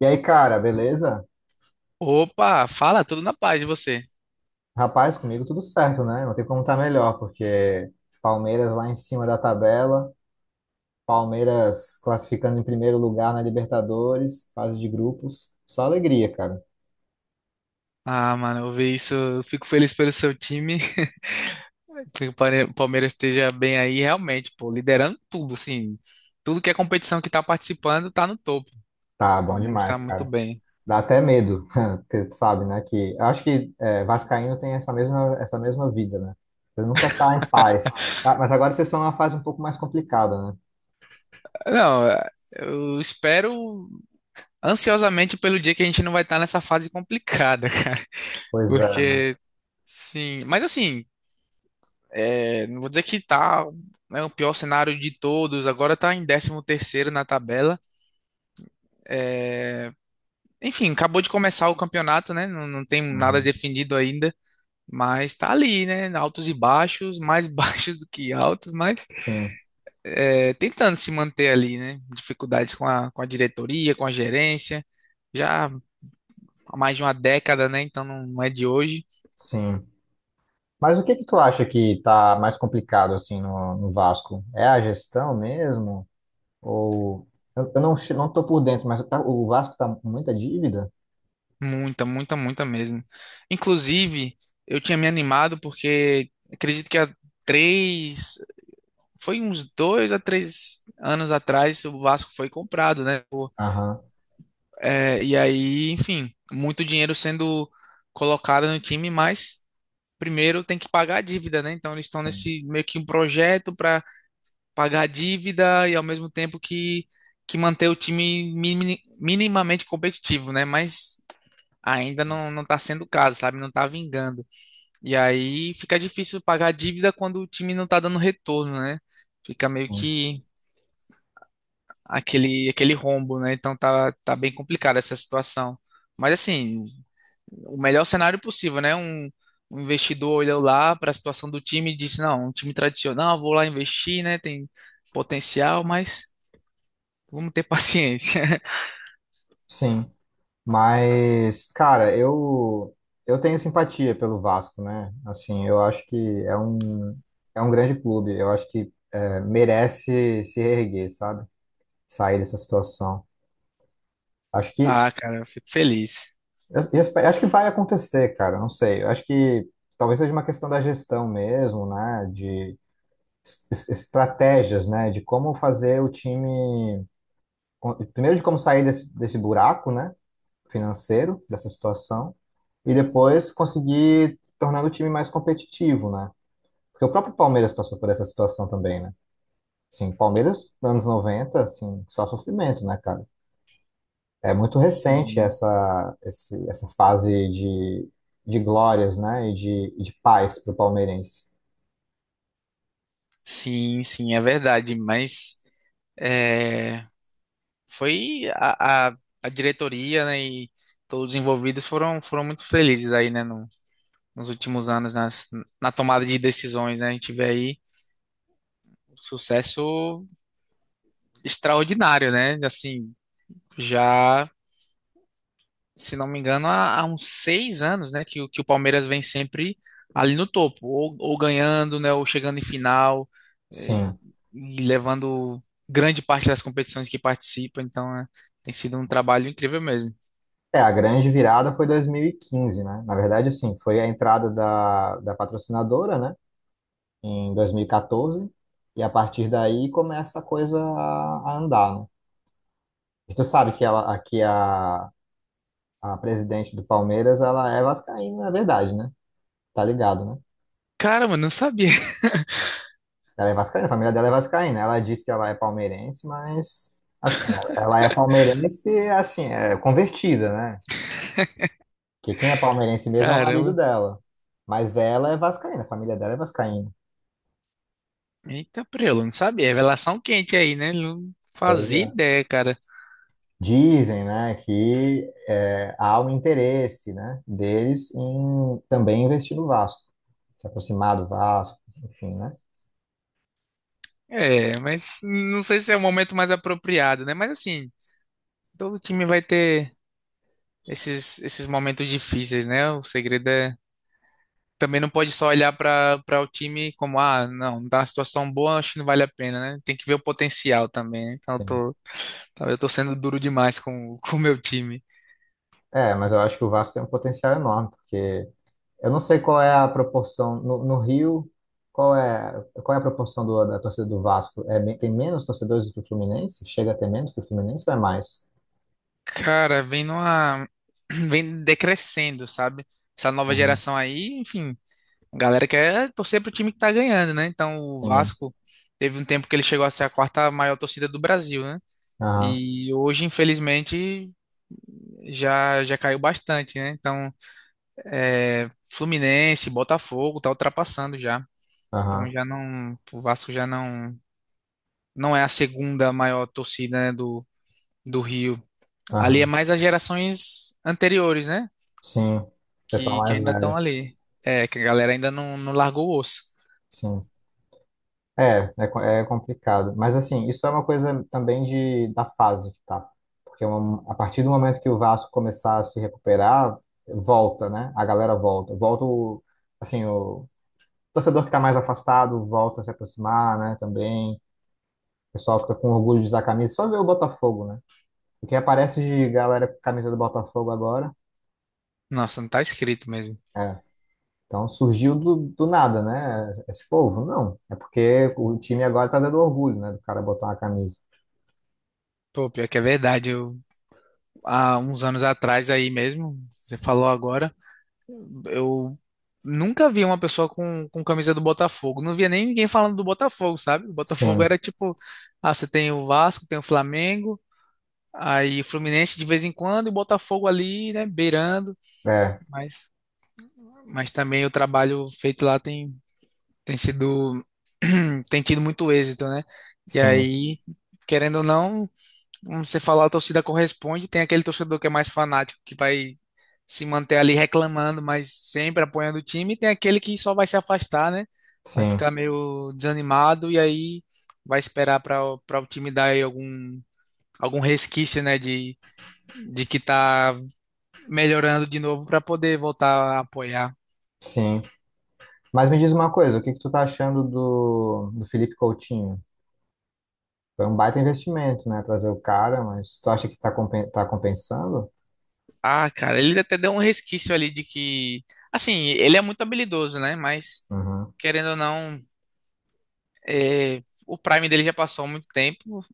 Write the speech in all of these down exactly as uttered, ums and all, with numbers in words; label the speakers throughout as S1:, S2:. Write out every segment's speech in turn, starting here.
S1: E aí, cara, beleza?
S2: Opa, fala, tudo na paz de você.
S1: Rapaz, comigo tudo certo, né? Não tem como estar melhor, porque Palmeiras lá em cima da tabela, Palmeiras classificando em primeiro lugar na Libertadores, fase de grupos. Só alegria, cara.
S2: Ah, mano, eu vi isso, eu fico feliz pelo seu time. Que o Pare- Palmeiras esteja bem aí, realmente, pô, liderando tudo, assim. Tudo que é competição que tá participando tá no topo.
S1: Tá
S2: O
S1: bom
S2: Palmeiras tá
S1: demais,
S2: muito
S1: cara.
S2: bem.
S1: Dá até medo, porque tu sabe, né? Que eu acho que é, Vascaíno tem essa mesma, essa mesma vida, né? Ele nunca tá em paz. Ah, mas agora vocês estão numa fase um pouco mais complicada, né?
S2: Não, eu espero ansiosamente pelo dia que a gente não vai estar nessa fase complicada, cara.
S1: Pois é, né?
S2: Porque, sim. Mas assim, é, não vou dizer que tá, né, o pior cenário de todos. Agora tá em décimo terceiro na tabela. É, Enfim, acabou de começar o campeonato, né? Não, não tem nada
S1: Uhum.
S2: definido ainda, mas tá ali, né? Altos e baixos, mais baixos do que altos, mas
S1: Sim,
S2: é, tentando se manter ali, né? Dificuldades com a, com a diretoria, com a gerência, já há mais de uma década, né? Então não não é de hoje.
S1: sim. Mas o que que tu acha que tá mais complicado assim no, no Vasco? É a gestão mesmo? Ou eu, eu não che- não tô por dentro, mas tá- o Vasco tá com muita dívida?
S2: Muita, muita, muita mesmo. Inclusive, eu tinha me animado porque acredito que há três, foi uns dois a três anos atrás, o Vasco foi comprado, né?
S1: Aham.
S2: É, e aí, enfim, muito dinheiro sendo colocado no time, mas primeiro tem que pagar a dívida, né? Então eles estão nesse meio que um projeto para pagar a dívida e ao mesmo tempo que, que manter o time mini- minimamente competitivo, né? Mas ainda não, não tá sendo o caso, sabe? Não tá vingando. E aí fica difícil pagar a dívida quando o time não tá dando retorno, né? Fica meio
S1: Sim,
S2: que aquele, aquele rombo, né? Então tá, tá bem complicada essa situação. Mas assim, o melhor cenário possível, né? Um, um investidor olhou lá para a situação do time e disse, não, um time tradicional, vou lá investir, né? Tem potencial, mas vamos ter paciência.
S1: sim. Mas cara, eu eu tenho simpatia pelo Vasco, né? Assim, eu acho que é um é um grande clube. Eu acho que é, merece se reerguer, sabe? Sair dessa situação. Acho que
S2: Ah, cara, eu fico feliz.
S1: Eu, eu espe- acho que vai acontecer, cara. Não sei. Eu acho que talvez seja uma questão da gestão mesmo, né? De es- es- estratégias, né? De como fazer o time. Primeiro, de como sair desse, desse buraco, né? Financeiro, dessa situação. E depois conseguir tornar o time mais competitivo, né? Porque o próprio Palmeiras passou por essa situação também, né? Assim, Palmeiras, anos noventa, assim, só sofrimento, né, cara? É muito recente
S2: Sim,
S1: essa, esse- essa fase de, de glórias, né? E de, e de paz para o palmeirense.
S2: sim, sim, é verdade, mas é, foi a, a, a diretoria, né, e todos os envolvidos foram, foram muito felizes aí, né, no- nos últimos anos, nas, na tomada de decisões, né, a gente vê aí um sucesso extraordinário, né, assim, já, se não me engano, há, há uns seis anos, né, que, o- que o Palmeiras vem sempre ali no topo, ou, ou ganhando, né, ou chegando em final, eh,
S1: Sim,
S2: e levando grande parte das competições que participa, então é, tem sido um trabalho incrível mesmo.
S1: é, a grande virada foi dois mil e quinze, né? Na verdade, assim, foi a entrada da, da patrocinadora, né? Em dois mil e quatorze. E quatorze. E a partir daí começa a coisa a, a andar, né? E tu sabe que ela, aqui a, a presidente do Palmeiras, ela é vascaína, na verdade, né? Tá ligado, né?
S2: Cara, mano, não sabia.
S1: Ela é vascaína, a família dela é vascaína. Ela diz que ela é palmeirense, mas assim, ela é palmeirense, assim, é convertida, né? Que quem é palmeirense mesmo é o marido
S2: Caramba.
S1: dela. Mas ela é vascaína, a família dela é vascaína.
S2: Eita, prelo, não sabia. É revelação quente aí, né? Não
S1: Pois
S2: fazia
S1: é.
S2: ideia, cara.
S1: Dizem, né, que é, há um interesse, né, deles em também investir no Vasco, se aproximar do Vasco, enfim, né?
S2: É, mas não sei se é o momento mais apropriado, né? Mas assim, todo time vai ter esses, esses momentos difíceis, né? O segredo é. Também não pode só olhar para para o time como, ah, não, não tá na situação boa, acho que não vale a pena, né? Tem que ver o potencial também, né? Então, eu
S1: Sim.
S2: tô, eu tô sendo duro demais com, com o meu time.
S1: É, mas eu acho que o Vasco tem um potencial enorme, porque eu não sei qual é a proporção no, no Rio, qual é, qual é a proporção do- da torcida do Vasco? É, me- tem menos torcedores do que o Fluminense? Chega a ter menos que o Fluminense ou é mais?
S2: Cara, vem numa. Vem decrescendo, sabe? Essa nova
S1: Uhum,
S2: geração aí, enfim, a galera quer torcer pro time que tá ganhando, né? Então, o
S1: sim.
S2: Vasco teve um tempo que ele chegou a ser a quarta maior torcida do Brasil, né?
S1: Aham,
S2: E hoje, infelizmente, já já caiu bastante, né? Então, é, Fluminense, Botafogo tá ultrapassando já. Então
S1: aham,
S2: já não, o Vasco já não não é a segunda maior torcida, né, do do Rio. Ali é
S1: aham.
S2: mais as gerações anteriores, né?
S1: Sim. Pessoal
S2: Que, que
S1: mais
S2: ainda estão
S1: velho.
S2: ali. É, que a galera ainda não, não largou o osso.
S1: Sim. É, é, co- é complicado. Mas assim, isso é uma coisa também de, da fase que tá. Porque um- a partir do momento que o Vasco começar a se recuperar, volta, né? A galera volta. Volta o, assim, o, torcedor que está mais afastado volta a se aproximar, né? Também. O pessoal fica com orgulho de usar a camisa. Só ver o Botafogo, né? O que aparece de galera com camisa do Botafogo agora.
S2: Nossa, não tá escrito mesmo.
S1: É. Então surgiu do, do nada, né? Esse povo. Não. É porque o time agora tá dando orgulho, né? Do cara botar uma camisa.
S2: Pô, pior que é verdade. Eu, há uns anos atrás aí mesmo, você falou agora. Eu nunca vi uma pessoa com, com camisa do Botafogo. Não via nem ninguém falando do Botafogo, sabe? O Botafogo
S1: Sim.
S2: era tipo, ah, você tem o Vasco, tem o Flamengo, aí Fluminense de vez em quando, e o Botafogo ali, né, beirando.
S1: É.
S2: Mas, mas também o trabalho feito lá tem, tem sido, tem tido muito êxito, né? E
S1: Sim.
S2: aí, querendo ou não como você falou, a torcida corresponde. Tem aquele torcedor que é mais fanático, que vai se manter ali reclamando, mas sempre apoiando o time. E tem aquele que só vai se afastar, né? Vai
S1: Sim.
S2: ficar meio desanimado e aí vai esperar para para o time dar aí algum, algum resquício, né? De, de que tá melhorando de novo para poder voltar a apoiar.
S1: Sim. Mas me diz uma coisa, o que que tu tá achando do, do Felipe Coutinho? Foi um baita investimento, né? Trazer o cara, mas tu acha que tá, compen tá compensando?
S2: Ah, cara, ele até deu um resquício ali de que. Assim, ele é muito habilidoso, né? Mas,
S1: Uhum.
S2: querendo ou não, é, o Prime dele já passou há muito tempo.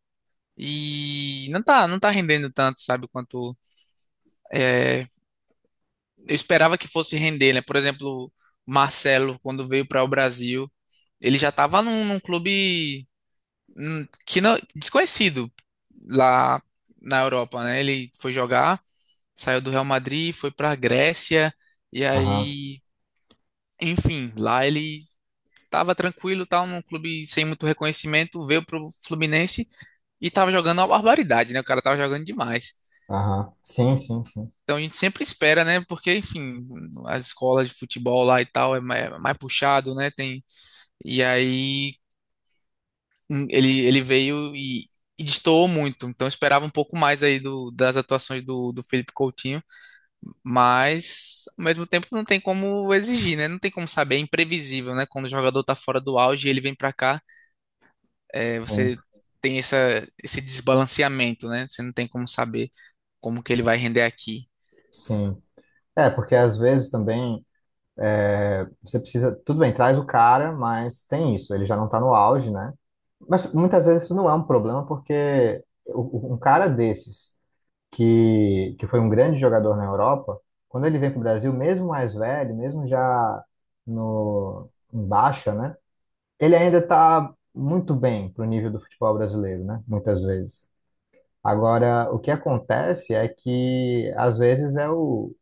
S2: E não tá, não tá rendendo tanto, sabe, quanto é, eu esperava que fosse render, né? Por exemplo, Marcelo, quando veio para o Brasil, ele já tava num, num clube hum, que não, desconhecido lá na Europa, né? Ele foi jogar, saiu do Real Madrid, foi para a Grécia, e
S1: Aham.
S2: aí, enfim, lá ele tava tranquilo, tal, num clube sem muito reconhecimento, veio pro Fluminense e tava jogando uma barbaridade, né? O cara tava jogando demais.
S1: Aham. Sim, sim, sim.
S2: Então a gente sempre espera, né? Porque, enfim, as escolas de futebol lá e tal é ma- é mais puxado, né? Tem... E aí hum, ele, ele veio e, e destoou muito. Então eu esperava um pouco mais aí do, das atuações do, do Felipe Coutinho, mas ao mesmo tempo não tem como exigir, né? Não tem como saber, é imprevisível, né? Quando o jogador tá fora do auge e ele vem pra cá, é,
S1: Sim,
S2: você tem essa, esse desbalanceamento, né? Você não tem como saber como que ele vai render aqui.
S1: sim. É, porque às vezes também é, você precisa. Tudo bem, traz o cara, mas tem isso, ele já não tá no auge, né? Mas muitas vezes isso não é um problema, porque o- o- um cara desses, que, que foi um grande jogador na Europa, quando ele vem para o Brasil, mesmo mais velho, mesmo já no, em baixa, né? Ele ainda tá muito bem pro nível do futebol brasileiro, né? Muitas vezes. Agora, o que acontece é que às vezes é o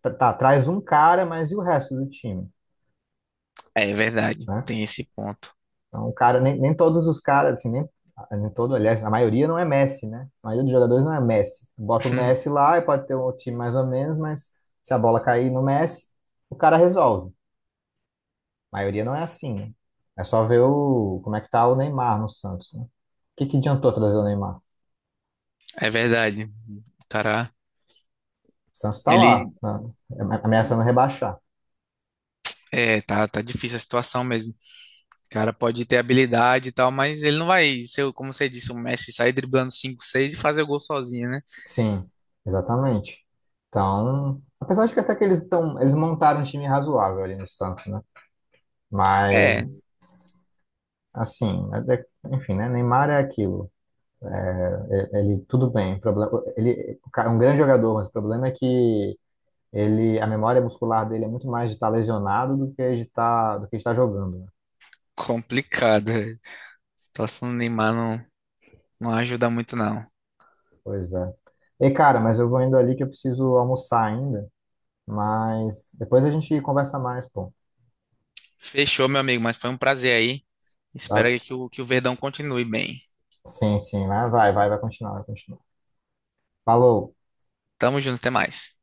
S1: tá, tá, traz um cara, mas e o resto do time,
S2: É verdade,
S1: né?
S2: tem esse ponto.
S1: Então, o cara nem, nem todos os caras assim, nem, nem todo, aliás, a maioria não é Messi, né? A maioria dos jogadores não é Messi. Bota o Messi lá e pode ter um time mais ou menos, mas se a bola cair no Messi, o cara resolve. A maioria não é assim, né? É só ver o como é que tá o Neymar no Santos, né? O que que adiantou trazer o Neymar? O
S2: É verdade. O cara,
S1: Santos tá lá,
S2: ele
S1: né? Ameaçando rebaixar.
S2: é, tá, tá difícil a situação mesmo. O cara pode ter habilidade e tal, mas ele não vai ser, o- como você disse, o Messi sair driblando cinco, seis e fazer o gol sozinho, né?
S1: Sim, exatamente. Então, apesar de que até que eles estão, eles montaram um time razoável ali no Santos, né?
S2: É
S1: Mas, assim, é- é- enfim, né? Neymar é aquilo. É- ele, tudo bem. O problema, ele o cara é um grande jogador, mas o problema é que ele, a memória muscular dele é muito mais de estar lesionado do que de estar, do que de estar jogando, né?
S2: complicado, é. A situação do Neymar não, não ajuda muito, não.
S1: Pois é. Ei, cara, mas eu vou indo ali que eu preciso almoçar ainda. Mas depois a gente conversa mais, pô.
S2: Fechou, meu amigo, mas foi um prazer aí. Espero
S1: Val-
S2: que o, que o Verdão continue bem.
S1: sim, sim, né? Vai, vai, vai continuar, vai continuar. Falou.
S2: Tamo junto, até mais.